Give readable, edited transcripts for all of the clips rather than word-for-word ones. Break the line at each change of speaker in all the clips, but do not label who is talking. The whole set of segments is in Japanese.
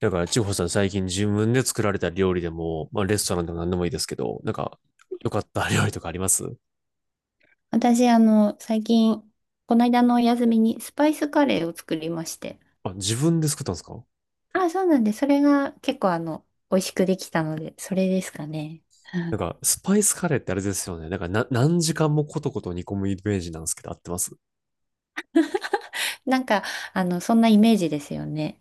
だから、千穂さん最近自分で作られた料理でも、まあ、レストランでも何でもいいですけど、なんか、良かった料理とかあります？
私、最近、この間のお休みにスパイスカレーを作りまして。
あ、自分で作ったんですか？
あ、そうなんで、それが結構、美味しくできたので、それですかね。う
なん
ん。
か、スパイスカレーってあれですよね。なんかな、何時間もコトコト煮込むイメージなんですけど、合ってます？
なんか、そんなイメージですよね。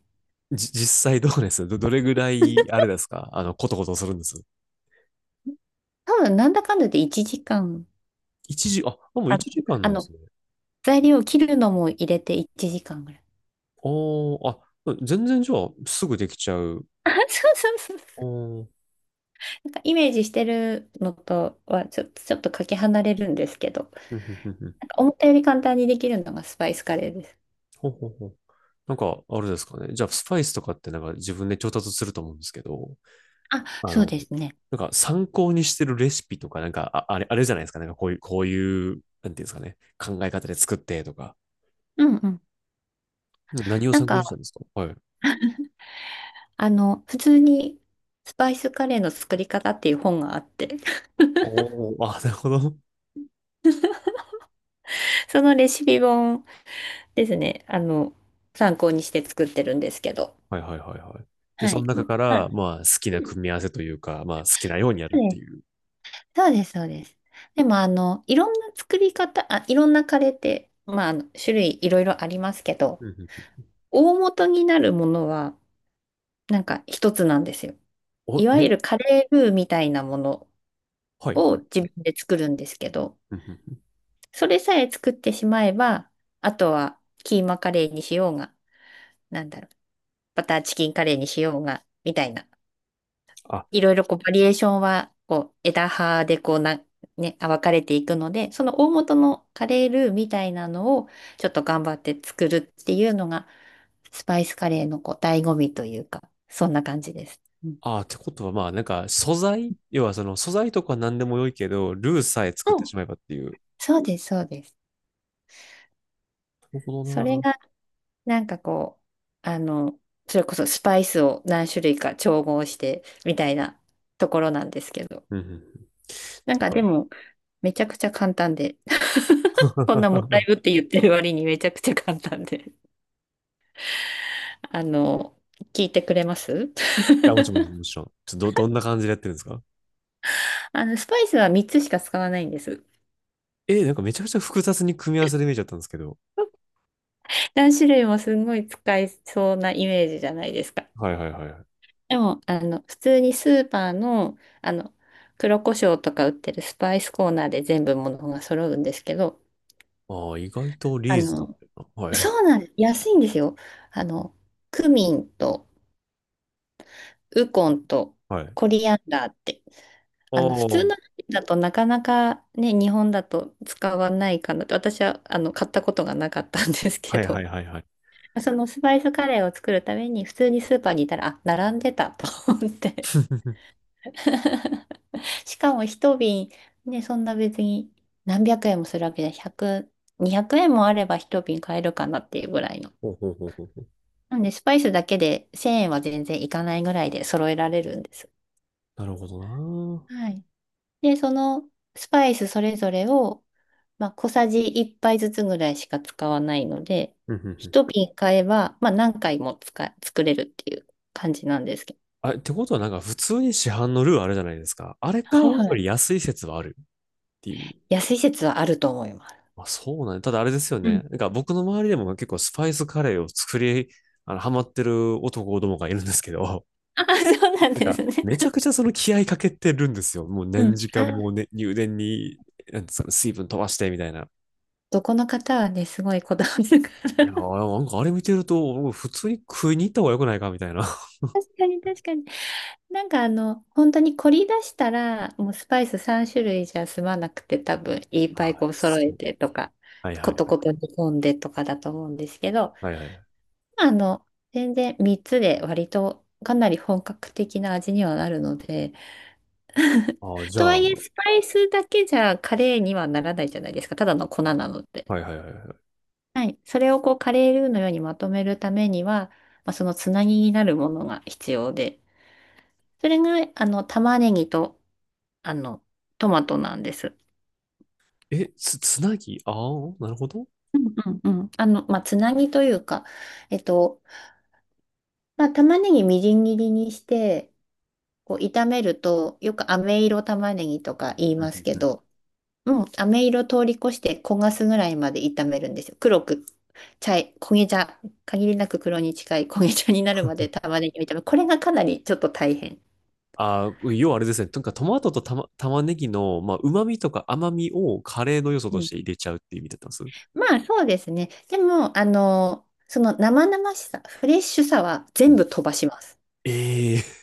実際どうですどれぐらい、あれですかコトコトするんです？
多分、なんだかんだで1時間、
一時、あ、もう
あ、
1時間
あ
なんで
の、
すね。
材料を切るのも入れて1時間ぐらい。
おー、あ、全然じゃあ、すぐできちゃう。
あ、そうそうそう。
おー。
なんかイメージしてるのとはちょっとかけ離れるんですけど、
ふんふんふんふん。
なんか思ったより簡単にできるのがスパイスカレーです。
ほうほうほう。なんか、あれですかね。じゃあ、スパイスとかってなんか自分で調達すると思うんですけど、
あ、
あ
そう
の、
ですね。
なんか参考にしてるレシピとか、なんか、ああれ、あれじゃないですか。なんかこういう、なんていうんですかね。考え方で作ってとか。
うんうん。
何を
なん
参考
か
にしたんですか？はい。
普通にスパイスカレーの作り方っていう本があって、
おお、あ、なるほど。
そのレシピ本ですね、参考にして作ってるんですけど。
はいはいはいはい。で、
は
その
い。う
中
ん、
か
あ、
ら、まあ、好きな
うん。
組み合わせというか、まあ、好きなようにやるっていう。
そうです、そうです。そうです。でも、いろんなカレーって、まあ、あの種類いろいろありますけ
う
ど、
んうんうん。
大元になるものは、なんか一つなんですよ。
お、
いわ
え。
ゆるカレールーみたいなもの
はい
を
はい
自
はい。
分で作るんですけど、
うんうんうん。
それさえ作ってしまえば、あとはキーマカレーにしようが、なんだろう、バターチキンカレーにしようが、みたいな。
あ、
いろいろこうバリエーションは、こう枝葉でこうな、ね、分かれていくので、その大元のカレールーみたいなのをちょっと頑張って作るっていうのが、スパイスカレーのこう醍醐味というか、そんな感じです。うん、
あー、ってことは、まあ、なんか、素材、要は、その、素材とか何でも良いけど、ルーさえ作っ
う
て
ん。
しまえばっていう。な
そうです、そうです。
るほど
それ
な。
がなんかこう、それこそスパイスを何種類か調合してみたいなところなんですけど。
うんうんうん。
なん
なん
かで
か。
も、めちゃくちゃ簡単で。こんなもっ たいぶって言ってる割にめちゃくちゃ簡単で。あの、聞いてくれます？
や、もちろん、もちろん。ちょっとどんな感じでやってるんですか？
スパイスは3つしか使わないんです。
なんかめちゃくちゃ複雑に組み合わせで見えちゃったんですけど。
何種類もすんごい使いそうなイメージじゃないですか。
はいはいはい。
でも、普通にスーパーの、黒胡椒とか売ってるスパイスコーナーで全部ものが揃うんですけど、
ああ、意外と
あ
リーズナブ
の、
ルな。はい。
そうなんです。安いんですよ。あの、クミンとウコンと
はい。
コリアンダーって。普
あ
通
あ、
の料理だとなかなかね、日本だと使わないかなと、私は、買ったことがなかったんですけ
はいはい
ど、
はいはい。
そのスパイスカレーを作るために普通にスーパーにいたら、あ、並んでたと思って。しかも一瓶、ね、そんな別に何百円もするわけじゃ、100、200円もあれば一瓶買えるかなっていうぐらいの。
ほうほうほうほうほう。
なんで、スパイスだけで1000円は全然いかないぐらいで揃えられるんです。
なるほどなー。
はい。で、そのスパイスそれぞれを、まあ、小さじ1杯ずつぐらいしか使わないので、
うんうんうん。
一瓶買えば、まあ、何回も作れるっていう感じなんですけど。
あ、ってことはなんか普通に市販のルーあるじゃないですか。あれ
は
買
い
うよ
は
り
い。
安い説はあるっていう。
安い説はあると思います。
まあそうなんだ。ただあれですよ
う
ね。
ん。
なんか僕の周りでも結構スパイスカレーを作り、ハマってる男どもがいるんですけど。
あ、そうなん
なん
で
か、
すね。
めちゃくちゃその気合いかけてるんですよ。もう
う
何
ん。
時間も
あ、
ね、入電に、なんですかね、水分飛ばしてみたいな。
どこの方はね、すごいこだわるか
いや
ら。
ー、なんかあれ見てると、もう普通に食いに行った方が良くないかみたいな。
確かに確かに。なんか本当に凝り出したら、もうスパイス3種類じゃ済まなくて、多分いっぱい
あ
こ
ー
う揃え
そう。
てとか、
はいは
こと
い
こと煮込んでとかだと思うんですけど、
はい。はいはい。
あの、全然3つで割とかなり本格的な味にはなるので、
ああ、じゃ
とは
あ、
いえ
は
スパイスだけじゃカレーにはならないじゃないですか。ただの粉なの
い
で。
はいはいは
はい。それをこうカレールーのようにまとめるためには、まあ、そのつなぎになるものが必要で、それが、玉ねぎと、あの、トマトなんです。
い。え、つなぎ、ああー、なるほど。
うんうんうん。まあ、つなぎというか、えっと、まあ、玉ねぎみじん切りにして、こう、炒めると、よく飴色玉ねぎとか言い
うん
ま
う
す
ん
け
うん。
ど、もう飴色通り越して焦がすぐらいまで炒めるんですよ。黒く、焦げ茶、限りなく黒に近い焦げ茶になるまで玉ねぎを炒める。これがかなりちょっと大変。
ああ、要はあれですね。なんかトマトと玉ねぎの、まあ、旨味とか甘みをカレーの要素
う
とし
ん。
て入れちゃうっていう意味だったんです。
まあそうですね。でも、その生々しさ、フレッシュさは
う
全
ん、
部飛ばします。
え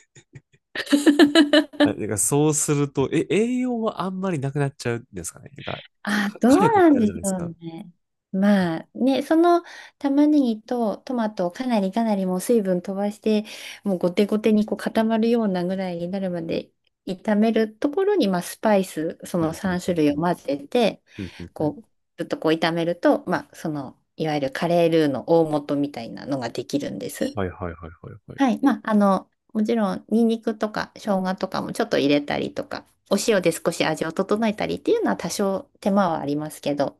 あ、てからそうすると、栄養はあんまりなくなっちゃうんですかね。てか、
あ、どう
火力っ
な
て
ん
あるじ
で
ゃな
し
いです
ょ
か。
うね。まあね、その玉ねぎとトマトをかなりかなりもう水分飛ばして、もうゴテゴテにこう固まるようなぐらいになるまで炒めるところに、まあ、スパイス、そ
う
の
んうん
3
う
種
ん
類
う
を
ん
混ぜて、
うんうんう
こ
ん、
う、ずっとこう炒めると、まあ、その、いわゆるカレールーの大元みたいなのができるんです。
はいはいはいはいはい。
はい。まあ、もちろん、ニンニクとか生姜とかもちょっと入れたりとか、お塩で少し味を整えたりっていうのは多少手間はありますけど、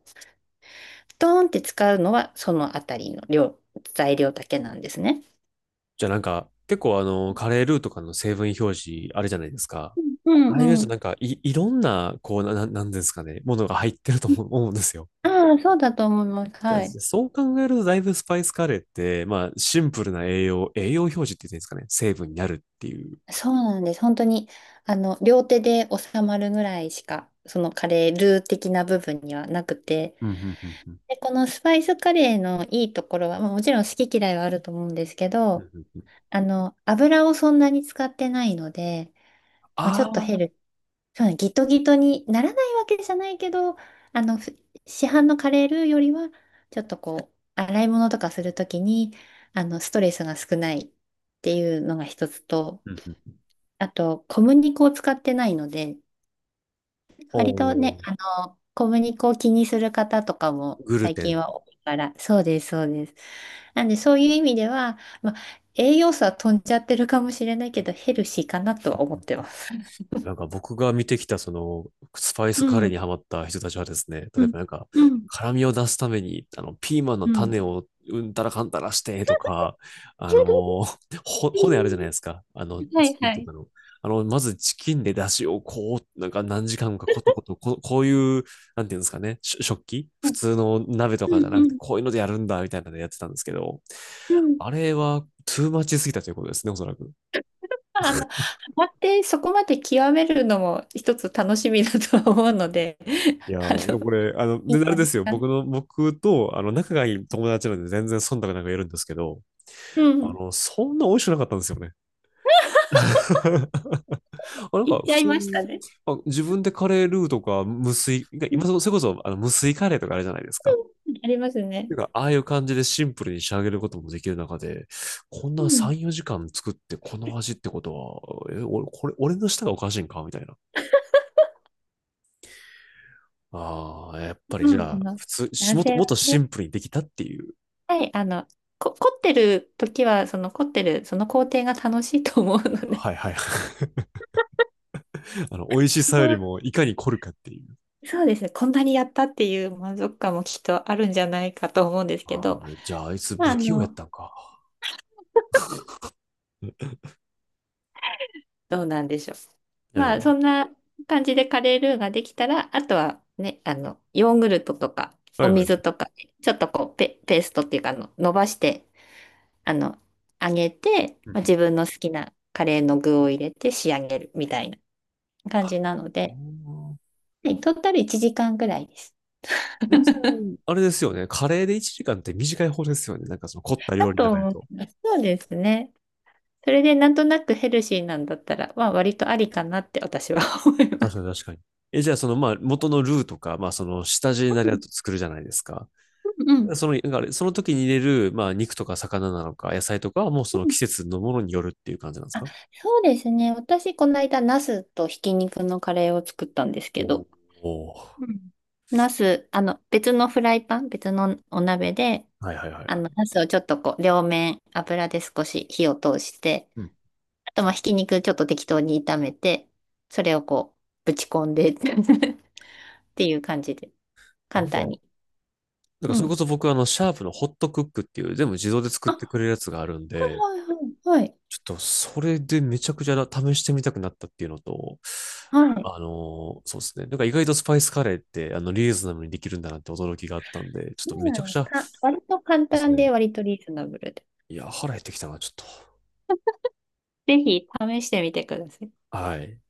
ドーンって使うのはそのあたりの量、材料だけなんですね。
じゃあなんか、結構カレールーとかの成分表示あるじゃないですか。
う
ああいう
んう
と
ん。
なんか、いろんな、こう、なんですかね、ものが入ってると思うんですよ。
ああ、そうだと思います。
じゃあ
はい。
そう考えると、だいぶスパイスカレーって、まあ、シンプルな栄養表示って言っていいんですかね、成分になるっていう。
そうなんです。本当に、両手で収まるぐらいしか、そのカレールー的な部分にはなくて、
うんうんうんうん
で、このスパイスカレーのいいところは、まあ、もちろん好き嫌いはあると思うんですけ
うんう
ど、
んうん、
油をそんなに使ってないので、まあ、ちょ
あ
っと
あ
ヘ
ー、
ル、そうねギトギトにならないわけじゃないけど、あの、ふ市販のカレールーよりは、ちょっとこう、洗い物とかするときに、ストレスが少ないっていうのが一つと、
うんうん、
あと、小麦粉を使ってないので、
お
割と
ー、
ね、小麦粉を気にする方とかも
グル
最
テ
近
ン。
は多いから、そうです、そうです。なんで、そういう意味では、まあ、栄養素は飛んじゃってるかもしれないけど、ヘルシーかなと
う
は思っ
ん。
てます。
なんか僕が見てきたそのスパイス
う
カレー
ん、
にハマった人たちはですね、例
う
え
ん、
ばなんか
うん、
辛みを出すためにあのピーマンの
うん。
種をうんたらかんたらしてとか、あの骨あるじゃないですか、あの
はい
チキン
は
と
い。
かの。あの、まずチキンで出汁をこう、なんか何時間かコトコト、こういう、なんていうんですかね、食器
う
普通の鍋とかじゃ
ん
な
う
くて、
ん
こういうのでやるんだみたいなのでやってたんですけど、
うんうん。はいはい。うんうんうん。
あれはトゥーマッチすぎたということですね、おそらく。
まあハマってそこまで極めるのも一つ楽しみだとは思うので、
い や
あ
ー、でも
の、
これ、
いいん
で、
じ
あれ
ゃな
で
い
すよ。
かな。
僕と、仲がいい友達なんで全然忖度なく言えるんですけど、
うん、
そんな美味しくなかったんですよね。あ、なん
行
か、
っち
普
ゃい
通
ました
に、
ね。
あ、自分でカレールーとか、無水、
うん、
それこそ、無水カレーとかあれじゃないですか。
ありますね。
てか、ああいう感じでシンプルに仕上げることもできる中で、こんな
う
3、4時間作ってこの味ってことは、俺、これ、俺の舌がおかしいんかみたいな。ああ、やっぱりじゃ
ん。
あ、
まあ
普通、
男
もっと、
性
もっ
は、
とシンプルにできたっていう。
はい、凝ってる時は、その凝ってる、その工程が楽しいと思うので、
はいはいはい。美味し
こ
さ
こ
より
は
も、いかに凝るかっていう。
そうですね、こんなにやったっていう満足感もきっとあるんじゃないかと思うんですけ
ああ、
ど、
じゃあ、あいつ
まあ、
不器用やったんか。
どうなんでしょう。
なるほ
ま
ど。
あ、そんな感じでカレールーができたら、あとはね、ヨーグルトとか、
はい
お
はい。
水とか、ちょっとこう、ペーストっていうか、伸ばして、あの、揚げて、まあ、自 分の好きなカレーの具を入れて仕上げるみたいな。感じなの
う
で、
んうん。
はい、トータル1時間ぐらいです。
全然、あれですよね。カレーで1時間って短い方ですよね。なんかその凝った
だ
料理の
と
中で
思い
と。
ます。そうですね。それでなんとなくヘルシーなんだったら、まあ、割とありかなって私は 思いま
確
す。
かに確かに。え、じゃあそのまあ元のルーとか、まあその下地に
う
なるや
ん
つ作るじゃないですか。
うんうん
その、なんかあれその時に入れる、まあ肉とか魚なのか野菜とかはもうその
うん。
季節のものによるっていう感じなんです
あ、
か？
そうですね。私、この間、ナスとひき肉のカレーを作ったんですけ
お
ど、
お。
うん、ナス、別のフライパン、別のお鍋で、
はいはいはいはい。
ナスをちょっとこう、両面油で少し火を通して、
うん。
あと、まあ、ひき肉ちょっと適当に炒めて、それをこう、ぶち込んで っていう感じで、
な
簡
んか、
単に。
なんか
う
それこ
ん。
そ僕はシャープのホットクックっていう全部自動で作って
あ、
くれるやつがあるん
はい
で、
はいはい。
ちょっとそれでめちゃくちゃ試してみたくなったっていうのと、
はい。はい。
そうですね。なんか意外とスパイスカレーってリーズナブルにできるんだなって驚きがあったんで、ちょっ
そ
と
う
め
な
ちゃ
ん
く
で
ち
す
ゃ、そ
か。割と簡
うです
単で、
ね。
割とリーズナブルで。
いや、腹減ってきたな、ちょっと。
ぜひ試してみてください。
はい。